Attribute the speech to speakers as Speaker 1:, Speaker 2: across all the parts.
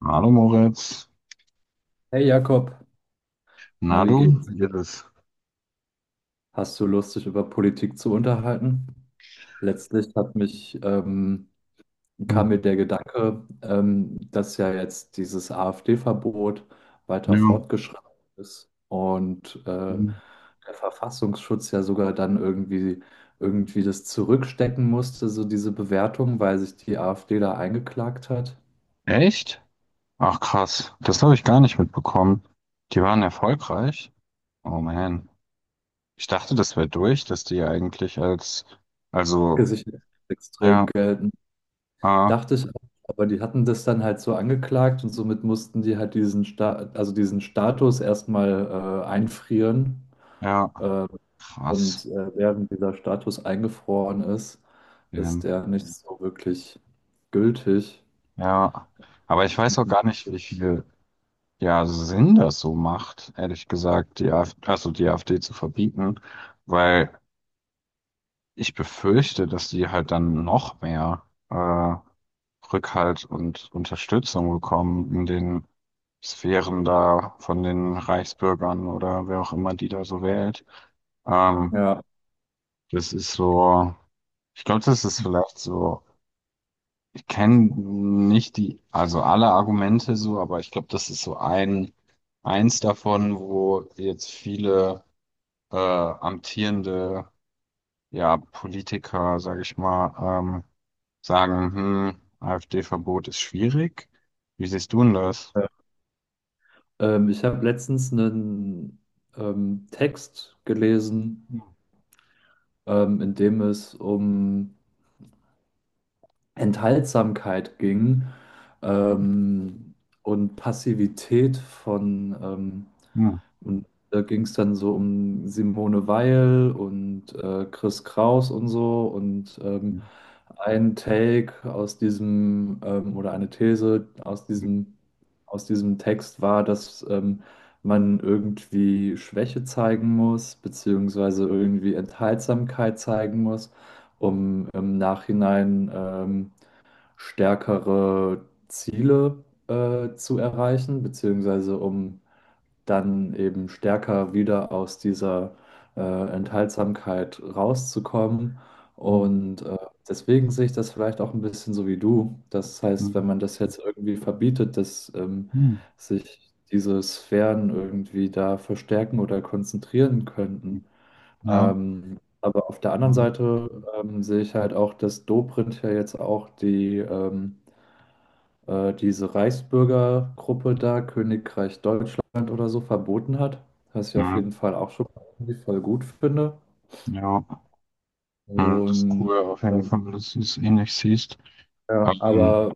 Speaker 1: Hallo Moritz.
Speaker 2: Hey Jakob, na
Speaker 1: Na
Speaker 2: wie
Speaker 1: du,
Speaker 2: geht's?
Speaker 1: wie geht es?
Speaker 2: Hast du Lust, dich über Politik zu unterhalten? Letztlich hat mich,
Speaker 1: Hm.
Speaker 2: kam mir der Gedanke, dass ja jetzt dieses AfD-Verbot weiter
Speaker 1: Ja.
Speaker 2: fortgeschritten ist und
Speaker 1: Hm.
Speaker 2: der Verfassungsschutz ja sogar dann irgendwie das zurückstecken musste, so diese Bewertung, weil sich die AfD da eingeklagt hat.
Speaker 1: Echt? Ach krass, das habe ich gar nicht mitbekommen. Die waren erfolgreich? Oh man. Ich dachte, das wäre durch, dass die eigentlich als, also,
Speaker 2: Gesichert extrem
Speaker 1: ja,
Speaker 2: Geld.
Speaker 1: ah,
Speaker 2: Dachte ich auch, aber die hatten das dann halt so angeklagt und somit mussten die halt diesen Sta also diesen Status erstmal einfrieren.
Speaker 1: ja,
Speaker 2: Äh, und
Speaker 1: krass.
Speaker 2: äh, während dieser Status eingefroren ist, ist
Speaker 1: Ähm,
Speaker 2: der nicht so wirklich gültig.
Speaker 1: ja, aber ich weiß auch gar nicht, wie viel, ja, Sinn das so macht, ehrlich gesagt, die AfD, also die AfD zu verbieten, weil ich befürchte, dass die halt dann noch mehr, äh, Rückhalt und Unterstützung bekommen in den Sphären da von den Reichsbürgern oder wer auch immer die da so wählt. Ähm,
Speaker 2: Ja.
Speaker 1: Das ist so, ich glaube, das ist vielleicht so, ich kenne nicht die, also alle Argumente so, aber ich glaube, das ist so ein, eins davon, wo jetzt viele amtierende, ja, Politiker, sage ich mal, ähm, sagen, AfD-Verbot ist schwierig. Wie siehst du denn das?
Speaker 2: äh, ich habe letztens einen Text gelesen, in dem es um Enthaltsamkeit ging,
Speaker 1: Hm.
Speaker 2: ähm, und Passivität von
Speaker 1: Hm.
Speaker 2: und da ging es dann so um Simone Weil und Chris Kraus und so. Und ein Take aus diesem, oder eine These aus diesem Text war, dass man irgendwie Schwäche zeigen muss, beziehungsweise irgendwie Enthaltsamkeit zeigen muss, um im Nachhinein stärkere Ziele zu erreichen, beziehungsweise um dann eben stärker wieder aus dieser Enthaltsamkeit rauszukommen. Und deswegen sehe ich das vielleicht auch ein bisschen so wie du. Das heißt, wenn
Speaker 1: Hm.
Speaker 2: man das jetzt irgendwie verbietet, dass
Speaker 1: Hm.
Speaker 2: sich diese Sphären irgendwie da verstärken oder konzentrieren könnten.
Speaker 1: Ja,
Speaker 2: Aber auf der anderen
Speaker 1: ähm,
Speaker 2: Seite sehe ich halt auch, dass Dobrindt ja jetzt auch die diese Reichsbürgergruppe da, Königreich Deutschland oder so, verboten hat, was ich auf
Speaker 1: hm.
Speaker 2: jeden Fall auch schon irgendwie voll gut finde.
Speaker 1: Ja, hm. Das ist
Speaker 2: Und
Speaker 1: cool auf jeden
Speaker 2: ähm,
Speaker 1: Fall, dass du es ähnlich siehst.
Speaker 2: ja,
Speaker 1: Ähm,
Speaker 2: aber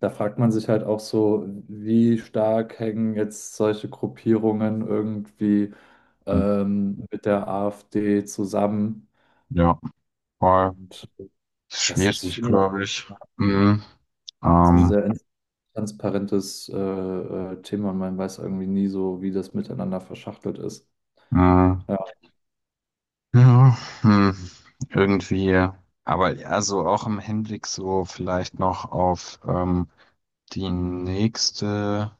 Speaker 2: da fragt man sich halt auch so, wie stark hängen jetzt solche Gruppierungen irgendwie mit der AfD zusammen.
Speaker 1: ja, war
Speaker 2: Und das ist,
Speaker 1: schwierig,
Speaker 2: finde
Speaker 1: glaube ich.
Speaker 2: ich,
Speaker 1: Hm.
Speaker 2: so ein
Speaker 1: Ähm,
Speaker 2: sehr transparentes Thema und man weiß irgendwie nie so, wie das miteinander verschachtelt ist.
Speaker 1: hm.
Speaker 2: Ja.
Speaker 1: Ja, hm. Irgendwie, aber ja, so auch im Hinblick so vielleicht noch auf die nächste,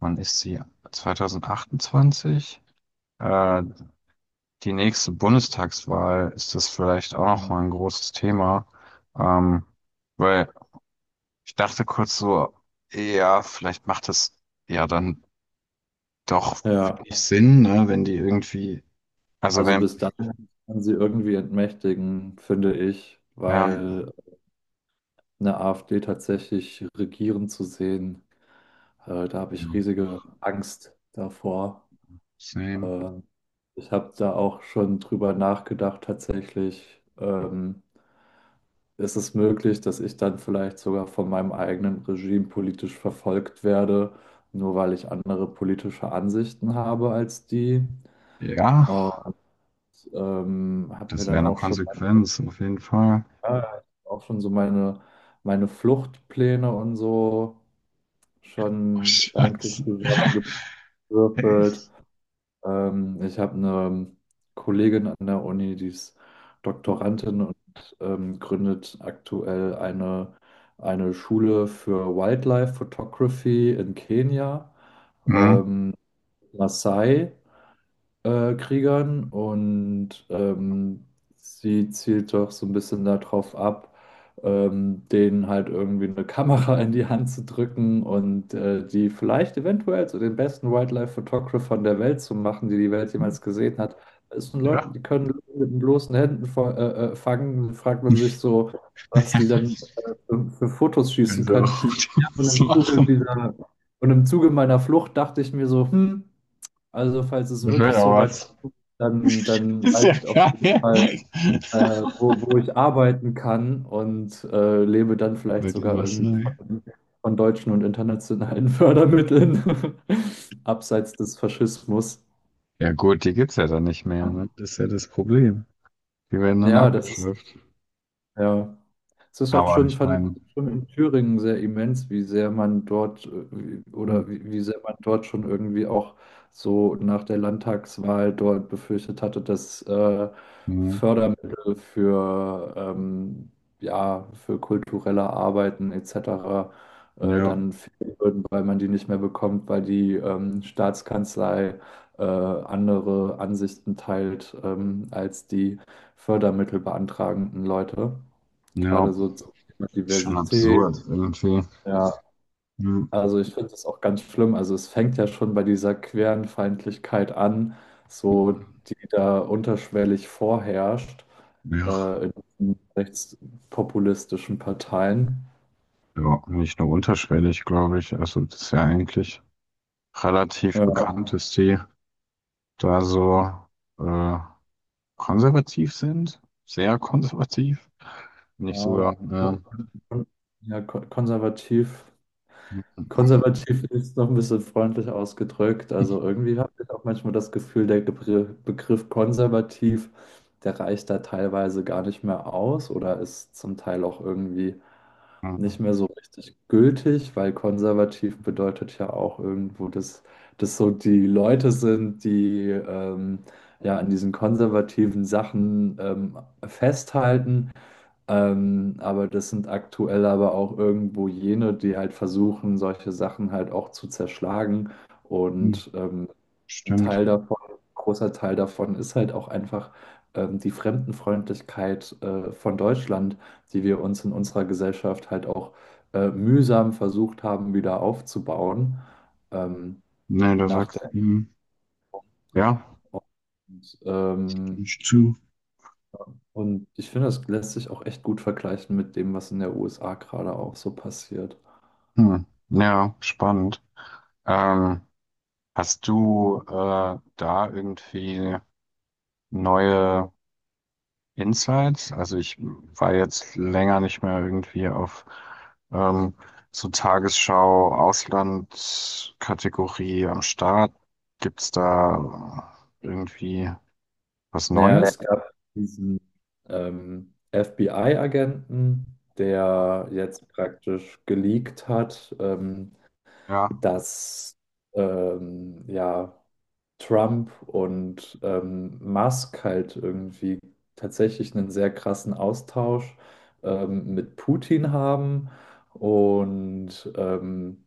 Speaker 1: wann ist sie? 2028? Äh, Die nächste Bundestagswahl ist das vielleicht auch noch mal ein großes Thema, ähm, weil ich dachte kurz so, ja, vielleicht macht es ja dann doch
Speaker 2: Ja.
Speaker 1: wenig Sinn, ne, wenn die irgendwie, also
Speaker 2: Also
Speaker 1: wenn,
Speaker 2: bis dahin kann sie irgendwie entmächtigen, finde ich,
Speaker 1: ja,
Speaker 2: weil eine AfD tatsächlich regieren zu sehen, da habe
Speaker 1: ja,
Speaker 2: ich riesige Angst davor.
Speaker 1: same,
Speaker 2: Ähm, ich habe da auch schon drüber nachgedacht, tatsächlich, ist es möglich, dass ich dann vielleicht sogar von meinem eigenen Regime politisch verfolgt werde, nur weil ich andere politische Ansichten habe als die.
Speaker 1: ja,
Speaker 2: Und habe mir
Speaker 1: das wäre
Speaker 2: dann
Speaker 1: eine
Speaker 2: auch schon
Speaker 1: Konsequenz auf jeden Fall.
Speaker 2: ja, auch schon so meine Fluchtpläne und so
Speaker 1: Oh,
Speaker 2: schon gedanklich
Speaker 1: Scheiße.
Speaker 2: zusammengewürfelt. Ich habe eine Kollegin an der Uni, die ist Doktorandin und gründet aktuell eine Schule für Wildlife Photography in Kenia,
Speaker 1: Hm,
Speaker 2: ähm, Maasai Kriegern und sie zielt doch so ein bisschen darauf ab, denen halt irgendwie eine Kamera in die Hand zu drücken und die vielleicht eventuell zu den besten Wildlife-Photographern der Welt zu machen, die die Welt jemals gesehen hat. Es sind Leute,
Speaker 1: ja,
Speaker 2: die können mit den bloßen Händen fangen. Dann fragt man sich so, was die dann für Fotos
Speaker 1: können
Speaker 2: schießen
Speaker 1: sie
Speaker 2: können.
Speaker 1: auch gut
Speaker 2: Ja. Und
Speaker 1: was
Speaker 2: im Zuge
Speaker 1: machen.
Speaker 2: dieser, und im Zuge meiner Flucht dachte ich mir so, hm, also falls es
Speaker 1: Das wäre
Speaker 2: wirklich
Speaker 1: ja
Speaker 2: so weit,
Speaker 1: was.
Speaker 2: dann
Speaker 1: Ist ja
Speaker 2: weiß ich auf jeden
Speaker 1: geil.
Speaker 2: Fall, äh, wo ich arbeiten kann und lebe dann vielleicht
Speaker 1: Weil die
Speaker 2: sogar irgendwie
Speaker 1: Masse,
Speaker 2: von deutschen und internationalen Fördermitteln, abseits des Faschismus.
Speaker 1: ja gut, die gibt's ja dann nicht mehr, ne? Das ist ja das Problem. Die werden dann
Speaker 2: Ja, das ist,
Speaker 1: abgeschafft.
Speaker 2: ja. Es ist auch
Speaker 1: Aber
Speaker 2: schon,
Speaker 1: ich
Speaker 2: fand
Speaker 1: meine,
Speaker 2: ich, schon in Thüringen sehr immens, wie sehr man dort äh, wie-
Speaker 1: hm,
Speaker 2: oder wie, wie sehr man dort schon irgendwie auch so nach der Landtagswahl dort befürchtet hatte, dass
Speaker 1: hm,
Speaker 2: Fördermittel für, ja, für kulturelle Arbeiten etc.
Speaker 1: ja,
Speaker 2: Dann fehlen würden, weil man die nicht mehr bekommt, weil die Staatskanzlei andere Ansichten teilt, als die Fördermittelbeantragenden Leute. Gerade
Speaker 1: ja,
Speaker 2: so zum Thema
Speaker 1: schon absurd
Speaker 2: Diversität.
Speaker 1: irgendwie.
Speaker 2: Ja,
Speaker 1: Hm,
Speaker 2: also ich finde das auch ganz schlimm. Also es fängt ja schon bei dieser queeren Feindlichkeit an,
Speaker 1: hm,
Speaker 2: so die da unterschwellig vorherrscht
Speaker 1: Ja,
Speaker 2: in diesen rechtspopulistischen Parteien.
Speaker 1: ja, nicht nur unterschwellig, glaube ich. Also das ist ja eigentlich relativ
Speaker 2: Ja,
Speaker 1: bekannt, dass die da so äh, konservativ sind, sehr konservativ.
Speaker 2: ja,
Speaker 1: Nicht sogar, ja.
Speaker 2: kon- konservativ.
Speaker 1: Ja.
Speaker 2: Konservativ ist noch ein bisschen freundlich ausgedrückt. Also
Speaker 1: Hm,
Speaker 2: irgendwie habe ich auch manchmal das Gefühl, der Begriff konservativ, der reicht da teilweise gar nicht mehr aus oder ist zum Teil auch irgendwie nicht
Speaker 1: hm,
Speaker 2: mehr so richtig gültig, weil konservativ bedeutet ja auch irgendwo, dass das so die Leute sind, die ja an diesen konservativen Sachen festhalten, aber das sind aktuell aber auch irgendwo jene, die halt versuchen, solche Sachen halt auch zu zerschlagen.
Speaker 1: hm,
Speaker 2: Und ein
Speaker 1: Stimmt.
Speaker 2: Teil davon, ein großer Teil davon ist halt auch einfach die Fremdenfreundlichkeit von Deutschland, die wir uns in unserer Gesellschaft halt auch mühsam versucht haben, wieder aufzubauen. Ähm,
Speaker 1: Nee, da
Speaker 2: nach
Speaker 1: sagst
Speaker 2: der
Speaker 1: du, ja,
Speaker 2: und, ähm,
Speaker 1: nicht zu.
Speaker 2: und ich finde, das lässt sich auch echt gut vergleichen mit dem, was in der USA gerade auch so passiert.
Speaker 1: Hm. Ja, spannend. Ähm, Hast du da irgendwie neue Insights? Also ich war jetzt länger nicht mehr irgendwie auf ähm, so Tagesschau, Auslandkategorie am Start. Gibt's da irgendwie was
Speaker 2: Naja,
Speaker 1: Neues?
Speaker 2: es gab diesen FBI-Agenten, der jetzt praktisch geleakt hat,
Speaker 1: Ja,
Speaker 2: dass ja Trump und Musk halt irgendwie tatsächlich einen sehr krassen Austausch mit Putin haben und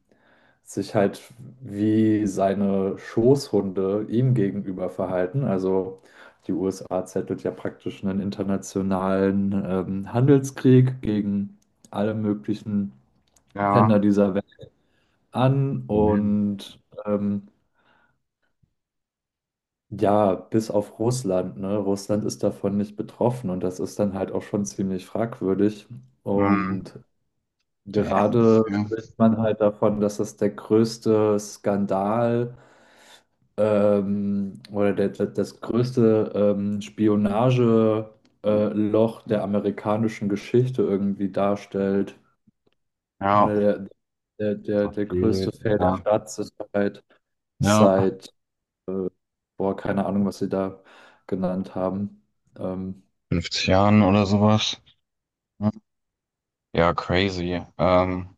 Speaker 2: sich halt wie seine Schoßhunde ihm gegenüber verhalten. Also die USA zettelt ja praktisch einen internationalen Handelskrieg gegen alle möglichen
Speaker 1: ja.
Speaker 2: Länder dieser Welt an
Speaker 1: Man.
Speaker 2: und ja, bis auf Russland, ne? Russland ist davon nicht betroffen und das ist dann halt auch schon ziemlich fragwürdig.
Speaker 1: Hm.
Speaker 2: Und
Speaker 1: Damn.
Speaker 2: gerade
Speaker 1: Ja.
Speaker 2: spricht man halt davon, dass das der größte Skandal das größte Spionage, Loch der amerikanischen Geschichte irgendwie darstellt.
Speaker 1: Ja,
Speaker 2: Oder der, der, der,
Speaker 1: das
Speaker 2: der größte
Speaker 1: geht.
Speaker 2: Fehler der
Speaker 1: Ja.
Speaker 2: Staatssicherheit
Speaker 1: Ja,
Speaker 2: seit, boah, keine Ahnung, was sie da genannt haben. Ähm,
Speaker 1: 50 Jahren oder sowas. Hm. Ja, crazy.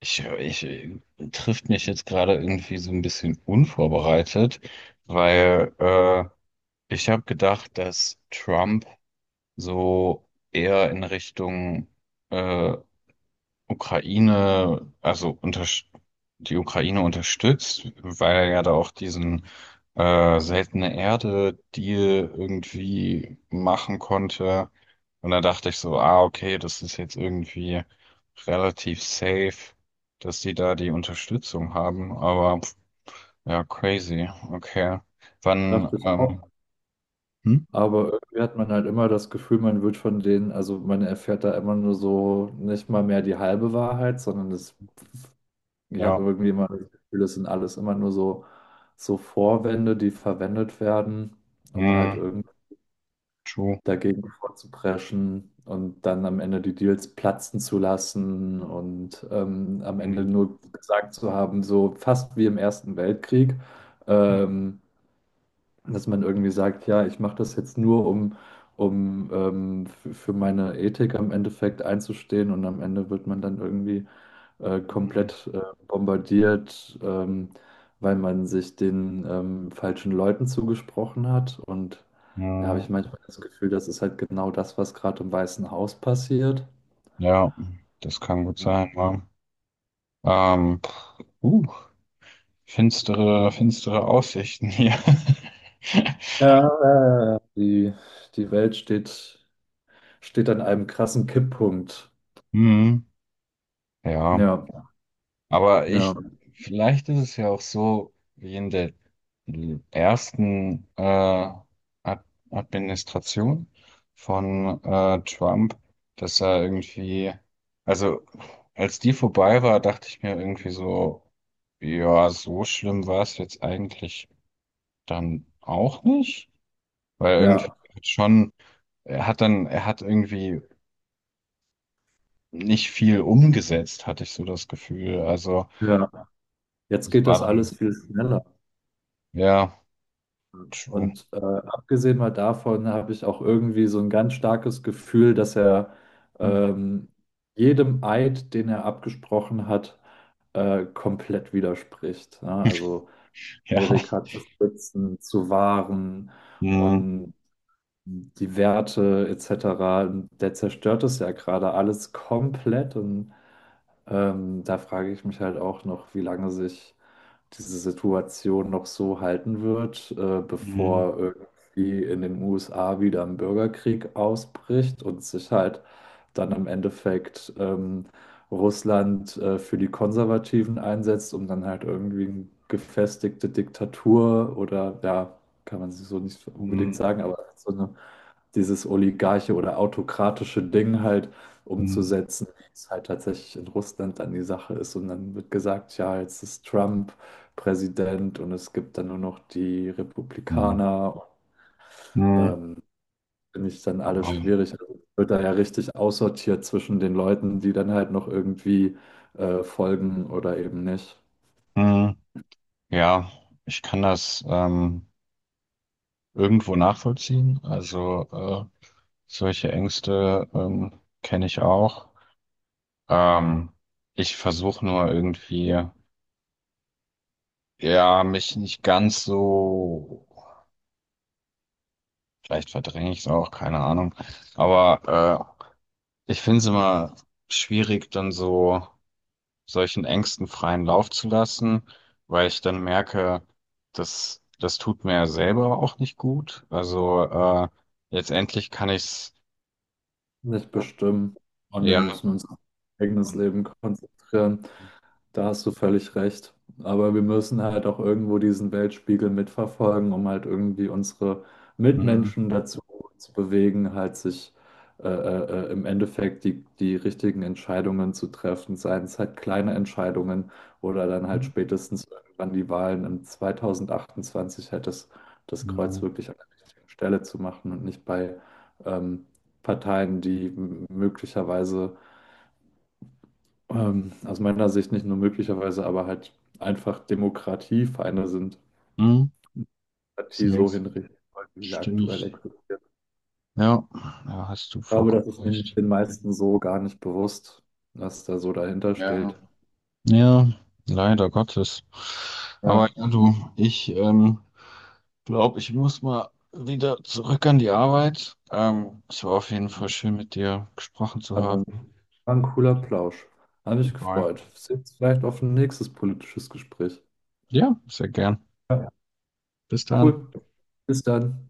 Speaker 1: Ich, ich Trifft mich jetzt gerade irgendwie so ein bisschen unvorbereitet, weil ich habe gedacht, dass Trump so eher in Richtung äh, Ukraine, also unter, die Ukraine unterstützt, weil er ja da auch diesen seltene Erde-Deal irgendwie machen konnte. Und da dachte ich so, ah, okay, das ist jetzt irgendwie relativ safe, dass die da die Unterstützung haben. Aber pf, ja, crazy. Okay. Wann,
Speaker 2: dachte ich auch.
Speaker 1: hm?
Speaker 2: Aber irgendwie hat man halt immer das Gefühl, man wird von denen, also man erfährt da immer nur so nicht mal mehr die halbe Wahrheit, sondern das, ich habe
Speaker 1: Ja,
Speaker 2: irgendwie immer das Gefühl, das sind alles immer nur so, so Vorwände, die verwendet werden, um halt
Speaker 1: hm,
Speaker 2: irgendwie
Speaker 1: true.
Speaker 2: dagegen vorzupreschen und dann am Ende die Deals platzen zu lassen und am Ende
Speaker 1: Hm,
Speaker 2: nur gesagt zu haben, so fast wie im Ersten Weltkrieg, ähm, dass man irgendwie sagt, ja, ich mache das jetzt nur, um, um für meine Ethik am Endeffekt einzustehen und am Ende wird man dann irgendwie
Speaker 1: hm,
Speaker 2: komplett bombardiert, weil man sich den falschen Leuten zugesprochen hat. Und da habe ich
Speaker 1: hm,
Speaker 2: manchmal das Gefühl, das ist halt genau das, was gerade im Weißen Haus passiert.
Speaker 1: ja, das kann gut
Speaker 2: Ja,
Speaker 1: sein, ja. Ähm, uh, Finstere, finstere Aussichten hier.
Speaker 2: ja, ja. Die Welt steht an einem krassen Kipppunkt.
Speaker 1: Hm, ja,
Speaker 2: Ja,
Speaker 1: aber
Speaker 2: ja,
Speaker 1: ich, vielleicht ist es ja auch so wie in der ersten Ad Administration von Trump, dass er irgendwie, also als die vorbei war, dachte ich mir irgendwie so, ja, so schlimm war es jetzt eigentlich dann auch nicht, weil irgendwie
Speaker 2: ja,
Speaker 1: schon. Er hat irgendwie nicht viel umgesetzt, hatte ich so das Gefühl. Also,
Speaker 2: ja. Jetzt
Speaker 1: das
Speaker 2: geht
Speaker 1: war
Speaker 2: das
Speaker 1: dann,
Speaker 2: alles viel schneller.
Speaker 1: ja, true.
Speaker 2: Und abgesehen mal davon habe ich auch irgendwie so ein ganz starkes Gefühl, dass er
Speaker 1: Hm.
Speaker 2: ähm, jedem Eid, den er abgesprochen hat, komplett widerspricht. Ne? Also
Speaker 1: Ja.
Speaker 2: Amerika zu schützen, zu wahren
Speaker 1: Hm,
Speaker 2: und die Werte etc. Der zerstört es ja gerade alles komplett. Und da frage ich mich halt auch noch, wie lange sich diese Situation noch so halten wird,
Speaker 1: hm,
Speaker 2: bevor irgendwie in den USA wieder ein Bürgerkrieg ausbricht und sich halt dann im Endeffekt Russland für die Konservativen einsetzt, um dann halt irgendwie eine gefestigte Diktatur oder ja, kann man so nicht unbedingt
Speaker 1: hm,
Speaker 2: sagen, aber so eine, dieses oligarche oder autokratische Ding halt
Speaker 1: hm,
Speaker 2: umzusetzen, wie es halt tatsächlich in Russland dann die Sache ist. Und dann wird gesagt, ja, jetzt ist Trump Präsident und es gibt dann nur noch die
Speaker 1: hm,
Speaker 2: Republikaner.
Speaker 1: hm.
Speaker 2: Ähm, finde ich dann alles
Speaker 1: Aber,
Speaker 2: schwierig. Also es wird da ja richtig aussortiert zwischen den Leuten, die dann halt noch irgendwie folgen oder eben nicht,
Speaker 1: hm, ja, ich kann das irgendwo nachvollziehen. Also, solche Ängste kenne ich auch. Ähm, Ich versuche nur irgendwie, ja, mich nicht ganz so. Vielleicht verdränge ich es auch, keine Ahnung. Aber ich finde es immer schwierig, dann so solchen Ängsten freien Lauf zu lassen, weil ich dann merke, das tut mir ja selber auch nicht gut. Also letztendlich kann ich's
Speaker 2: nicht bestimmen. Und wir
Speaker 1: ja.
Speaker 2: müssen uns auf unser eigenes Leben konzentrieren. Da hast du völlig recht. Aber wir müssen halt auch irgendwo diesen Weltspiegel mitverfolgen, um halt irgendwie unsere
Speaker 1: Mhm.
Speaker 2: Mitmenschen dazu zu bewegen, halt sich im Endeffekt die richtigen Entscheidungen zu treffen, seien es halt kleine Entscheidungen oder dann halt spätestens irgendwann die Wahlen im 2028 das Kreuz
Speaker 1: Mhm.
Speaker 2: wirklich an der richtigen Stelle zu machen und nicht bei ähm, Parteien, die möglicherweise, aus meiner Sicht nicht nur möglicherweise, aber halt einfach Demokratiefeinde sind.
Speaker 1: Mhm.
Speaker 2: Demokratie so
Speaker 1: Safe.
Speaker 2: hinrichten wollen, wie sie
Speaker 1: Stimme
Speaker 2: aktuell existiert.
Speaker 1: Ja, da hast du
Speaker 2: Ich glaube,
Speaker 1: vollkommen
Speaker 2: das ist nämlich
Speaker 1: recht.
Speaker 2: den meisten so gar nicht bewusst, was da so dahinter
Speaker 1: Ja.
Speaker 2: steht.
Speaker 1: Ja, leider Gottes.
Speaker 2: Ja,
Speaker 1: Aber ja, du, ich glaube, ich muss mal wieder zurück an die Arbeit. Es war auf jeden Fall schön, mit dir gesprochen zu
Speaker 2: aber
Speaker 1: haben.
Speaker 2: ein, war ein cooler Plausch. Hat mich
Speaker 1: Bye.
Speaker 2: gefreut. Bis jetzt vielleicht auf ein nächstes politisches Gespräch.
Speaker 1: Ja, sehr gern.
Speaker 2: Ja.
Speaker 1: Bis dann.
Speaker 2: Cool. Bis dann.